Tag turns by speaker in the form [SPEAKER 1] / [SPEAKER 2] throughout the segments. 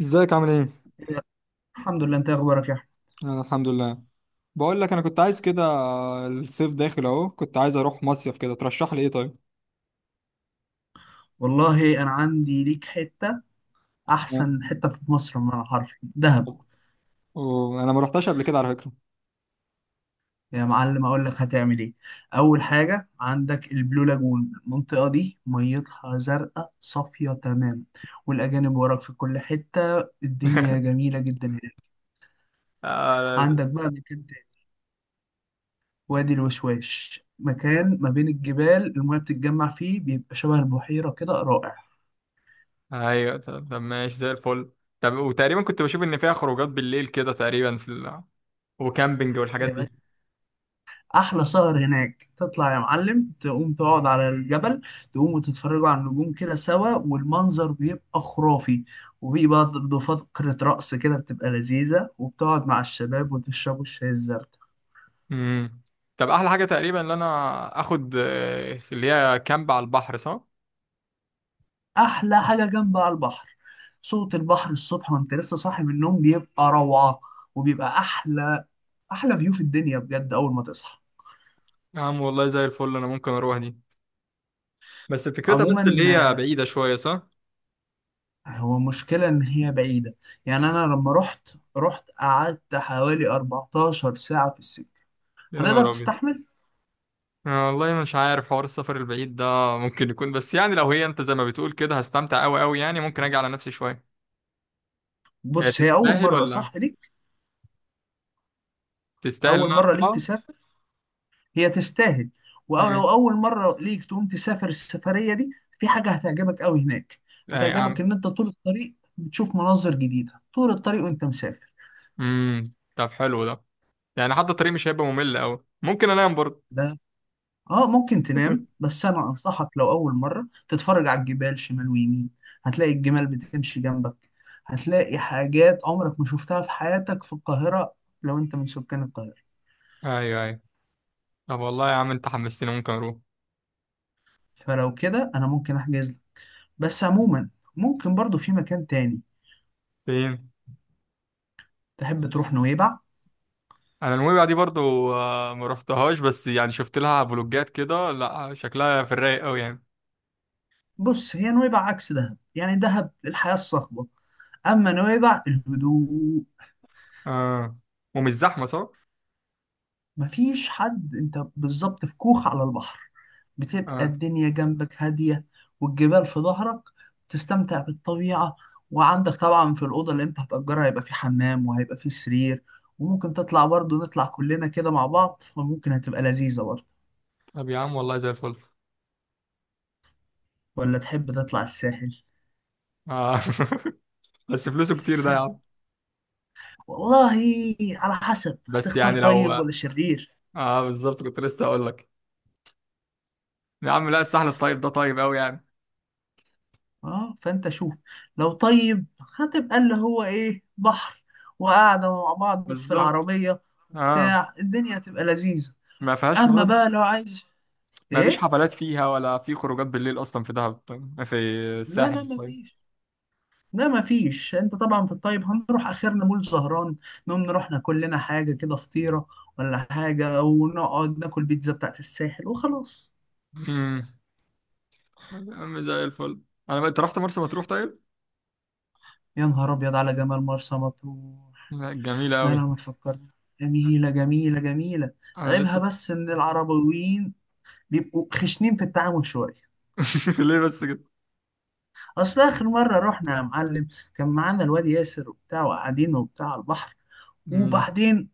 [SPEAKER 1] ازيك، عامل ايه؟
[SPEAKER 2] الحمد لله. انت إيه اخبارك يا احمد؟
[SPEAKER 1] انا الحمد لله. بقول لك انا كنت عايز كده، الصيف داخل اهو، كنت عايز اروح مصيف كده، ترشح لي ايه طيب؟
[SPEAKER 2] والله انا عندي ليك حته،
[SPEAKER 1] اه.
[SPEAKER 2] احسن حته في مصر بمعنى حرفي، دهب.
[SPEAKER 1] وانا ما رحتش قبل كده على فكرة.
[SPEAKER 2] يا معلم اقول لك هتعمل ايه. اول حاجه عندك البلو لاجون، المنطقه دي ميتها زرقاء صافيه تمام، والاجانب وراك في كل حته، الدنيا جميله جدا هناك.
[SPEAKER 1] آه،
[SPEAKER 2] عندك بقى مكان تاني، وادي الوشواش، مكان ما بين الجبال، المياه بتتجمع فيه بيبقى شبه البحيره كده، رائع.
[SPEAKER 1] ايوه. طب ماشي زي الفل. طب وتقريبا كنت بشوف ان فيها خروجات بالليل كده، تقريبا في ال... وكامبينج والحاجات دي.
[SPEAKER 2] احلى سهر هناك، تطلع يا معلم تقوم تقعد على الجبل، تقوم وتتفرجوا على النجوم كده سوا والمنظر بيبقى خرافي، وبيبقى برضه فقرة رقص كده بتبقى لذيذة، وبتقعد مع الشباب وتشربوا الشاي الزردة.
[SPEAKER 1] امم، طب احلى حاجه تقريبا ان انا اخد، في اللي هي كامب على البحر، صح؟
[SPEAKER 2] احلى حاجة جنب على البحر، صوت البحر الصبح وانت لسه صاحي من النوم بيبقى روعة، وبيبقى احلى احلى فيو في الدنيا بجد اول ما تصحى.
[SPEAKER 1] يا عم والله زي الفل، انا ممكن اروح دي. بس فكرتها
[SPEAKER 2] عموما
[SPEAKER 1] بس اللي هي بعيده شويه، صح؟
[SPEAKER 2] هو مشكلة إن هي بعيدة، يعني أنا لما رحت قعدت حوالي 14 ساعة في السكة.
[SPEAKER 1] يا نهار
[SPEAKER 2] هتقدر
[SPEAKER 1] ابيض.
[SPEAKER 2] تستحمل؟
[SPEAKER 1] أنا والله مش عارف حوار السفر البعيد ده. ممكن يكون، بس يعني لو هي انت زي ما بتقول كده هستمتع قوي قوي، يعني ممكن اجي على نفسي شويه. هي
[SPEAKER 2] بص هي أول
[SPEAKER 1] تستاهل
[SPEAKER 2] مرة
[SPEAKER 1] ولا
[SPEAKER 2] صح ليك،
[SPEAKER 1] تستاهل ان
[SPEAKER 2] أول
[SPEAKER 1] انا
[SPEAKER 2] مرة ليك
[SPEAKER 1] اطلعها؟
[SPEAKER 2] تسافر، هي تستاهل، ولو
[SPEAKER 1] امم.
[SPEAKER 2] أول مرة ليك تقوم تسافر السفرية دي، في حاجة هتعجبك أوي هناك.
[SPEAKER 1] اي
[SPEAKER 2] هتعجبك
[SPEAKER 1] عم.
[SPEAKER 2] إن أنت طول الطريق بتشوف مناظر جديدة طول الطريق وأنت مسافر.
[SPEAKER 1] امم، طب حلو ده. يعني حتى الطريق مش هيبقى ممل قوي، ممكن انام برضه.
[SPEAKER 2] ده اه ممكن تنام، بس انا انصحك لو اول مره تتفرج على الجبال شمال ويمين، هتلاقي الجمال بتمشي جنبك، هتلاقي حاجات عمرك ما شفتها في حياتك في القاهره، لو انت من سكان القاهره.
[SPEAKER 1] ايوه ايوه. طب والله يا عم انت حمستني، ممكن اروح.
[SPEAKER 2] فلو كده انا ممكن احجز لك. بس عموما ممكن برضو في مكان تاني،
[SPEAKER 1] فين؟
[SPEAKER 2] تحب تروح نويبع؟
[SPEAKER 1] انا نويبع دي برضو، ما رحتهاش، بس يعني شفت لها فلوجات كده، لا شكلها في الرايق قوي يعني.
[SPEAKER 2] بص هي نويبع عكس دهب، يعني دهب الحياه الصخبه، اما نويبع الهدوء.
[SPEAKER 1] اه، ومش زحمه، صح؟
[SPEAKER 2] مفيش حد، انت بالظبط في كوخ على البحر، بتبقى
[SPEAKER 1] اه.
[SPEAKER 2] الدنيا جنبك هادية والجبال في ظهرك، تستمتع بالطبيعة. وعندك طبعا في الأوضة اللي انت هتأجرها هيبقى في حمام وهيبقى في سرير، وممكن تطلع برضه، نطلع كلنا كده مع بعض، فممكن هتبقى لذيذة برضه.
[SPEAKER 1] طب يا عم والله زي الفل.
[SPEAKER 2] ولا تحب تطلع الساحل؟
[SPEAKER 1] اه. بس فلوسه كتير ده يا عم.
[SPEAKER 2] والله على حسب،
[SPEAKER 1] بس
[SPEAKER 2] هتختار
[SPEAKER 1] يعني لو...
[SPEAKER 2] طيب ولا شرير؟
[SPEAKER 1] اه بالظبط، كنت لسه هقول لك. يا عم لا، الساحل الطيب ده طيب قوي يعني.
[SPEAKER 2] اه فانت شوف، لو طيب هتبقى اللي هو ايه، بحر وقعدة مع بعض في
[SPEAKER 1] بالظبط.
[SPEAKER 2] العربية
[SPEAKER 1] اه.
[SPEAKER 2] وبتاع، الدنيا هتبقى لذيذة.
[SPEAKER 1] ما فيهاش
[SPEAKER 2] اما
[SPEAKER 1] مرض.
[SPEAKER 2] بقى لو عايز
[SPEAKER 1] ما فيش
[SPEAKER 2] ايه،
[SPEAKER 1] حفلات فيها ولا في خروجات بالليل اصلا في دهب طيب؟ في
[SPEAKER 2] لا لا
[SPEAKER 1] الساحل طيب؟
[SPEAKER 2] مفيش. لا مفيش، انت طبعا في الطيب هنروح اخرنا مول زهران، نقوم نروح ناكل لنا حاجة كده، فطيرة ولا حاجة، ونقعد ناكل بيتزا بتاعت الساحل وخلاص.
[SPEAKER 1] امم. يا عم زي الفل. انا بقى، انت رحت مرسى مطروح طيب؟
[SPEAKER 2] يا نهار ابيض على جمال مرسى مطروح!
[SPEAKER 1] لا، جميله
[SPEAKER 2] لا لا
[SPEAKER 1] قوي.
[SPEAKER 2] ما تفكرني، جميلة جميلة جميلة.
[SPEAKER 1] انا
[SPEAKER 2] عيبها
[SPEAKER 1] لسه...
[SPEAKER 2] بس ان العربيين بيبقوا خشنين في التعامل شويه.
[SPEAKER 1] ليه بس كده؟
[SPEAKER 2] اصل اخر مره رحنا يا معلم كان معانا الواد ياسر وبتاع، وقاعدين وبتاع على البحر،
[SPEAKER 1] امم.
[SPEAKER 2] وبعدين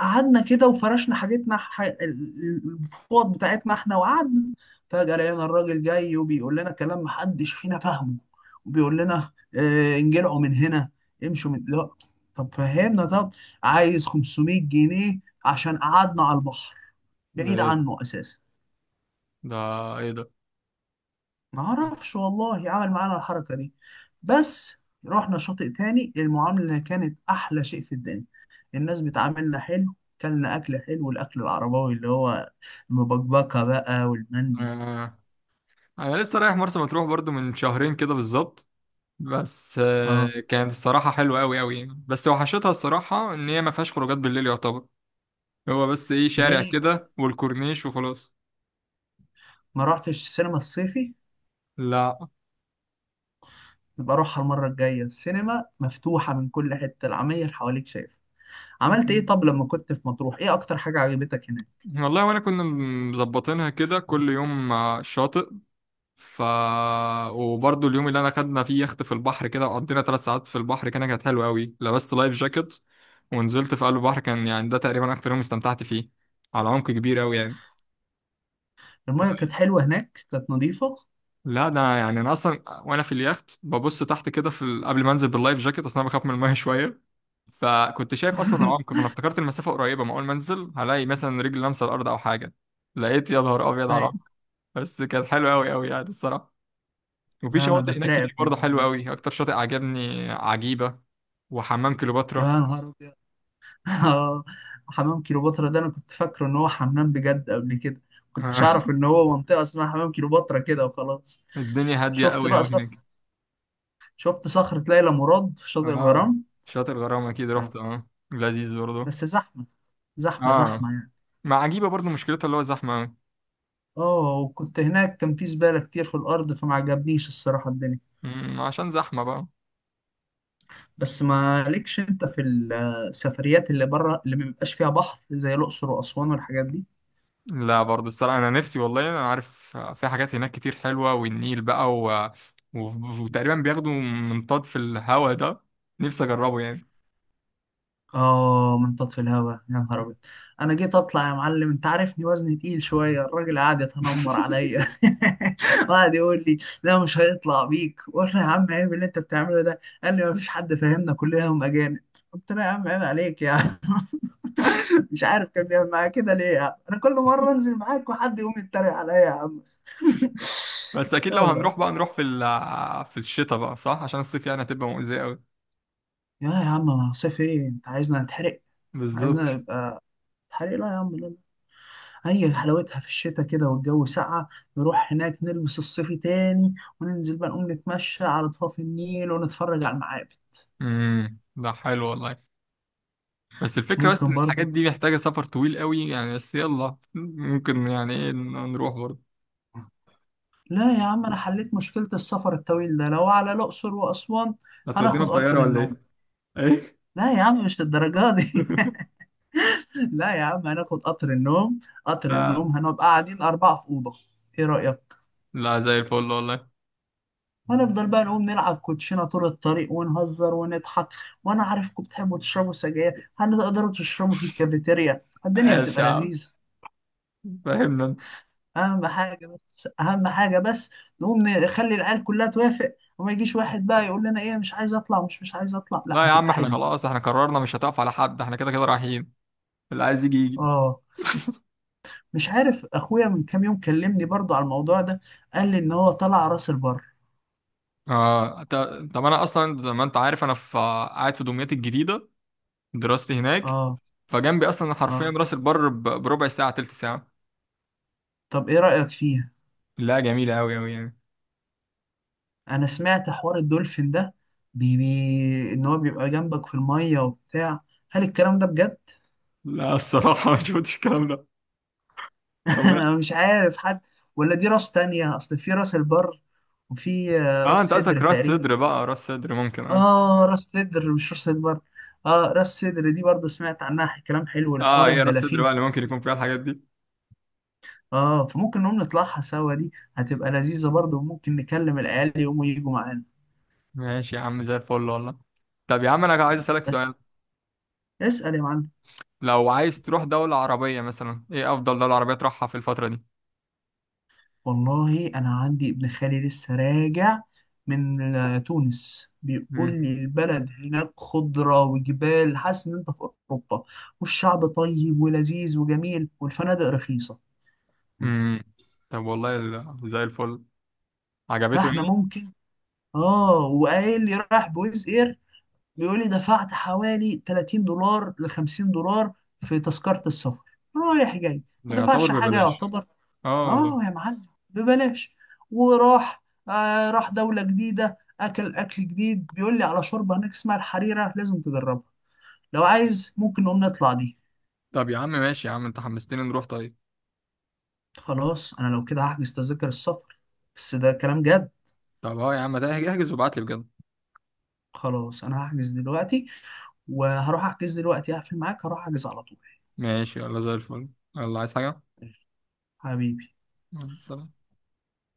[SPEAKER 2] قعدنا كده وفرشنا حاجتنا الفوط بتاعتنا احنا وقعدنا، فجاه لقينا الراجل جاي وبيقول لنا كلام محدش فينا فاهمه، وبيقول لنا اه انجلعوا من هنا، امشوا من لا. طب فهمنا، طب، عايز 500 جنيه عشان قعدنا على البحر،
[SPEAKER 1] ده
[SPEAKER 2] بعيد
[SPEAKER 1] ايه ده؟
[SPEAKER 2] عنه اساسا.
[SPEAKER 1] ده ايه ده؟
[SPEAKER 2] ما اعرفش والله عمل معانا الحركه دي. بس رحنا شاطئ تاني المعامله كانت احلى شيء في الدنيا، الناس بتعاملنا حلو، كلنا اكل حلو، الاكل العرباوي اللي هو المبكبكه بقى والمندي.
[SPEAKER 1] آه. انا لسه رايح مرسى مطروح برضو من شهرين كده بالظبط. بس
[SPEAKER 2] اه.
[SPEAKER 1] كانت الصراحة حلوة أوي أوي يعني، بس وحشتها الصراحة إن هي ما فيهاش خروجات بالليل يعتبر. هو بس إيه، شارع
[SPEAKER 2] ليه
[SPEAKER 1] كده والكورنيش وخلاص.
[SPEAKER 2] ما رحتش السينما الصيفي؟
[SPEAKER 1] لا.
[SPEAKER 2] يبقى اروحها المره الجايه، السينما مفتوحه، من كل حته العماير حواليك، شايف. عملت ايه طب لما كنت في مطروح؟ ايه اكتر حاجه عجبتك هناك؟
[SPEAKER 1] والله وأنا كنا مظبطينها كده كل يوم، شاطئ. ف وبرضه اليوم اللي أنا خدنا فيه يخت في البحر كده وقضينا 3 ساعات في البحر، كانت حلوة أوي، لبست لايف جاكيت ونزلت في قلب البحر، كان يعني ده تقريبا أكتر يوم استمتعت فيه. على عمق كبير أوي يعني.
[SPEAKER 2] الميه كانت حلوه هناك، كانت نظيفه.
[SPEAKER 1] لا ده يعني انا اصلا وانا في اليخت ببص تحت كده، قبل ما انزل باللايف جاكيت، اصلا انا بخاف من الميه شويه. فكنت شايف اصلا العمق، فانا افتكرت المسافه قريبه، ما اول ما انزل هلاقي مثلا رجل لامسه الارض او حاجه. لقيت يا نهار ابيض على العمق.
[SPEAKER 2] ايوه.
[SPEAKER 1] بس كانت حلوه قوي قوي يعني الصراحه. وفي
[SPEAKER 2] لا، انا
[SPEAKER 1] شواطئ هناك
[SPEAKER 2] بترعب
[SPEAKER 1] كتير
[SPEAKER 2] من
[SPEAKER 1] برضه
[SPEAKER 2] الموضوع
[SPEAKER 1] حلوه
[SPEAKER 2] ده.
[SPEAKER 1] قوي، اكتر شاطئ عجبني عجيبه وحمام
[SPEAKER 2] يا
[SPEAKER 1] كليوباترا.
[SPEAKER 2] نهار ابيض. اه، حمام كيلوباترا ده انا كنت فاكره ان هو حمام بجد قبل كده، كنتش اعرف ان هو منطقه اسمها حمام كيلوباترا كده وخلاص.
[SPEAKER 1] الدنيا هاديه
[SPEAKER 2] شفت
[SPEAKER 1] قوي
[SPEAKER 2] بقى
[SPEAKER 1] قوي
[SPEAKER 2] صخر،
[SPEAKER 1] هناك.
[SPEAKER 2] شفت صخره ليلى مراد في شاطئ
[SPEAKER 1] اه،
[SPEAKER 2] الغرام؟
[SPEAKER 1] شاطئ الغرام اكيد
[SPEAKER 2] يعني،
[SPEAKER 1] رحت، لذيذ برضه.
[SPEAKER 2] بس زحمه، زحمه زحمه
[SPEAKER 1] اه،
[SPEAKER 2] يعني.
[SPEAKER 1] مع عجيبه برضه مشكلتها اللي هو زحمه.
[SPEAKER 2] اه وكنت هناك كان في زباله كتير في الارض، فما عجبنيش الصراحه الدنيا.
[SPEAKER 1] مم، عشان زحمة بقى.
[SPEAKER 2] بس ما ليكش انت في السفريات اللي بره اللي ما بيبقاش فيها بحر، زي الاقصر واسوان والحاجات دي؟
[SPEAKER 1] لا برضه الصراحة أنا نفسي، والله أنا عارف في حاجات هناك كتير حلوة، والنيل بقى و... و... وتقريبا بياخدوا منطاد في الهوا ده، نفسي أجربه يعني.
[SPEAKER 2] اه منطاد في الهوا، يا نهار ابيض. انا جيت اطلع يا معلم، انت عارفني وزني تقيل شويه، الراجل قعد يتنمر عليا وقعد يقول لي لا مش هيطلع بيك. قلنا يا عم عيب اللي انت بتعمله ده، قال لي ما فيش حد فاهمنا كلنا، هم اجانب. قلت له يا عم عيب عليك يا عم. مش عارف كان بيعمل معايا كده ليه، يا عم انا كل مره انزل معاك وحد يقوم يتريق عليا يا عم.
[SPEAKER 1] بس أكيد لو
[SPEAKER 2] يلا.
[SPEAKER 1] هنروح بقى نروح في ال... في الشتاء بقى، صح؟ عشان الصيف يعني هتبقى مؤذية أوي.
[SPEAKER 2] يا عم، ما صيف ايه، انت عايزنا نتحرق؟
[SPEAKER 1] بالظبط.
[SPEAKER 2] عايزنا نبقى نتحرق؟ لا يا عم، هي حلاوتها في الشتاء كده والجو ساقعة، نروح هناك نلبس الصيفي تاني، وننزل بقى نقوم نتمشى على ضفاف النيل ونتفرج على المعابد.
[SPEAKER 1] امم، ده حلو والله. بس الفكرة بس
[SPEAKER 2] ممكن
[SPEAKER 1] إن الحاجات
[SPEAKER 2] برضو.
[SPEAKER 1] دي محتاجة سفر طويل أوي يعني، بس يلا ممكن يعني إيه، نروح برضه.
[SPEAKER 2] لا يا عم أنا حليت مشكلة السفر الطويل ده لو على الأقصر وأسوان،
[SPEAKER 1] هتودينا
[SPEAKER 2] هناخد قطر
[SPEAKER 1] بطيارة ولا
[SPEAKER 2] النوم.
[SPEAKER 1] إيه؟ إيه؟
[SPEAKER 2] لا يا عم مش للدرجة دي. لا يا عم هناخد قطر النوم، قطر
[SPEAKER 1] لا.
[SPEAKER 2] النوم هنبقى قاعدين أربعة في أوضة، إيه رأيك؟
[SPEAKER 1] لا زي الفل والله.
[SPEAKER 2] هنفضل بقى نقوم نلعب كوتشينة طول الطريق ونهزر ونضحك، وانا عارفكم بتحبوا تشربوا سجاير، هتقدروا تشربوا في الكافيتيريا، الدنيا
[SPEAKER 1] ايش يا
[SPEAKER 2] هتبقى
[SPEAKER 1] عم،
[SPEAKER 2] لذيذة.
[SPEAKER 1] فهمنا انت.
[SPEAKER 2] اهم حاجة بس، اهم حاجة بس، نقوم نخلي العيال كلها توافق، وما يجيش واحد بقى يقول لنا ايه مش عايز اطلع، مش عايز اطلع، لا
[SPEAKER 1] لا يا عم
[SPEAKER 2] هتبقى
[SPEAKER 1] احنا
[SPEAKER 2] حلو.
[SPEAKER 1] خلاص، احنا قررنا مش هتقف على حد، احنا كده كده رايحين. اللي عايز يجي يجي.
[SPEAKER 2] اه مش عارف اخويا من كام يوم كلمني برضو على الموضوع ده، قال لي ان هو طلع راس البر.
[SPEAKER 1] اه. طب انا اصلا زي ما انت عارف، انا في قاعد في دمياط الجديده، دراستي هناك.
[SPEAKER 2] اه.
[SPEAKER 1] فجنبي اصلا حرفيا
[SPEAKER 2] اه
[SPEAKER 1] راس البر بربع ساعه، تلت ساعه.
[SPEAKER 2] طب ايه رأيك فيها؟
[SPEAKER 1] لا جميله قوي قوي يعني.
[SPEAKER 2] انا سمعت حوار الدولفين ده، بي بي ان هو بيبقى جنبك في الميه وبتاع، هل الكلام ده بجد؟
[SPEAKER 1] لا الصراحه ما شفتش الكلام ده. هو أنا-
[SPEAKER 2] انا مش عارف حد. ولا دي راس تانية، اصل في راس البر وفي
[SPEAKER 1] اه، انت
[SPEAKER 2] راس
[SPEAKER 1] قصدك
[SPEAKER 2] صدر
[SPEAKER 1] راس
[SPEAKER 2] تقريبا.
[SPEAKER 1] صدر، بقى راس صدر ممكن، اه.
[SPEAKER 2] اه راس صدر مش راس البر. اه راس صدر دي برضه سمعت عنها كلام حلو
[SPEAKER 1] اه،
[SPEAKER 2] لحوار
[SPEAKER 1] هي راس صدر
[SPEAKER 2] الدلافين
[SPEAKER 1] بقى
[SPEAKER 2] في
[SPEAKER 1] اللي ممكن يكون
[SPEAKER 2] النيل.
[SPEAKER 1] فيها الحاجات دي.
[SPEAKER 2] اه فممكن نقوم نطلعها سوا، دي هتبقى لذيذة برضه، وممكن نكلم العيال يقوموا يجوا معانا.
[SPEAKER 1] ماشي يا عم زي الفل والله. طب يا عم انا عايز اسالك
[SPEAKER 2] بس
[SPEAKER 1] سؤال.
[SPEAKER 2] اسأل يا معلم.
[SPEAKER 1] لو عايز تروح دولة عربية مثلا، ايه افضل دولة عربية تروحها في الفترة دي؟
[SPEAKER 2] والله انا عندي ابن خالي لسه راجع من تونس، بيقول
[SPEAKER 1] مم.
[SPEAKER 2] لي البلد هناك خضرة وجبال، حاسس ان انت في اوروبا، والشعب طيب ولذيذ وجميل، والفنادق رخيصة. مم.
[SPEAKER 1] مم. طب والله زي الفل، عجبته
[SPEAKER 2] فاحنا
[SPEAKER 1] يعني؟
[SPEAKER 2] ممكن. اه وقايل لي رايح بويز اير، بيقول لي دفعت حوالي 30 دولار ل 50 دولار في تذكرة السفر رايح جاي. ما
[SPEAKER 1] ده يعتبر
[SPEAKER 2] دفعش حاجة
[SPEAKER 1] ببلاش.
[SPEAKER 2] يعتبر.
[SPEAKER 1] اه والله.
[SPEAKER 2] اه يا معلم ببلاش. وراح، راح دولة جديدة، اكل اكل جديد، بيقول لي على شوربة هناك اسمها الحريرة لازم تجربها. لو عايز ممكن نقوم نطلع دي.
[SPEAKER 1] طب يا عم ماشي، يا عم انت حمستني نروح طيب.
[SPEAKER 2] خلاص انا لو كده هحجز تذاكر السفر، بس ده كلام جد.
[SPEAKER 1] طب اه يا عم، ده احجز وابعت لي بجد.
[SPEAKER 2] خلاص انا هحجز دلوقتي، وهروح احجز دلوقتي، هقفل معاك هروح احجز على طول.
[SPEAKER 1] ماشي يلا زي الفل. يلا، عايز حاجة؟
[SPEAKER 2] حبيبي.
[SPEAKER 1] يلا، سلام.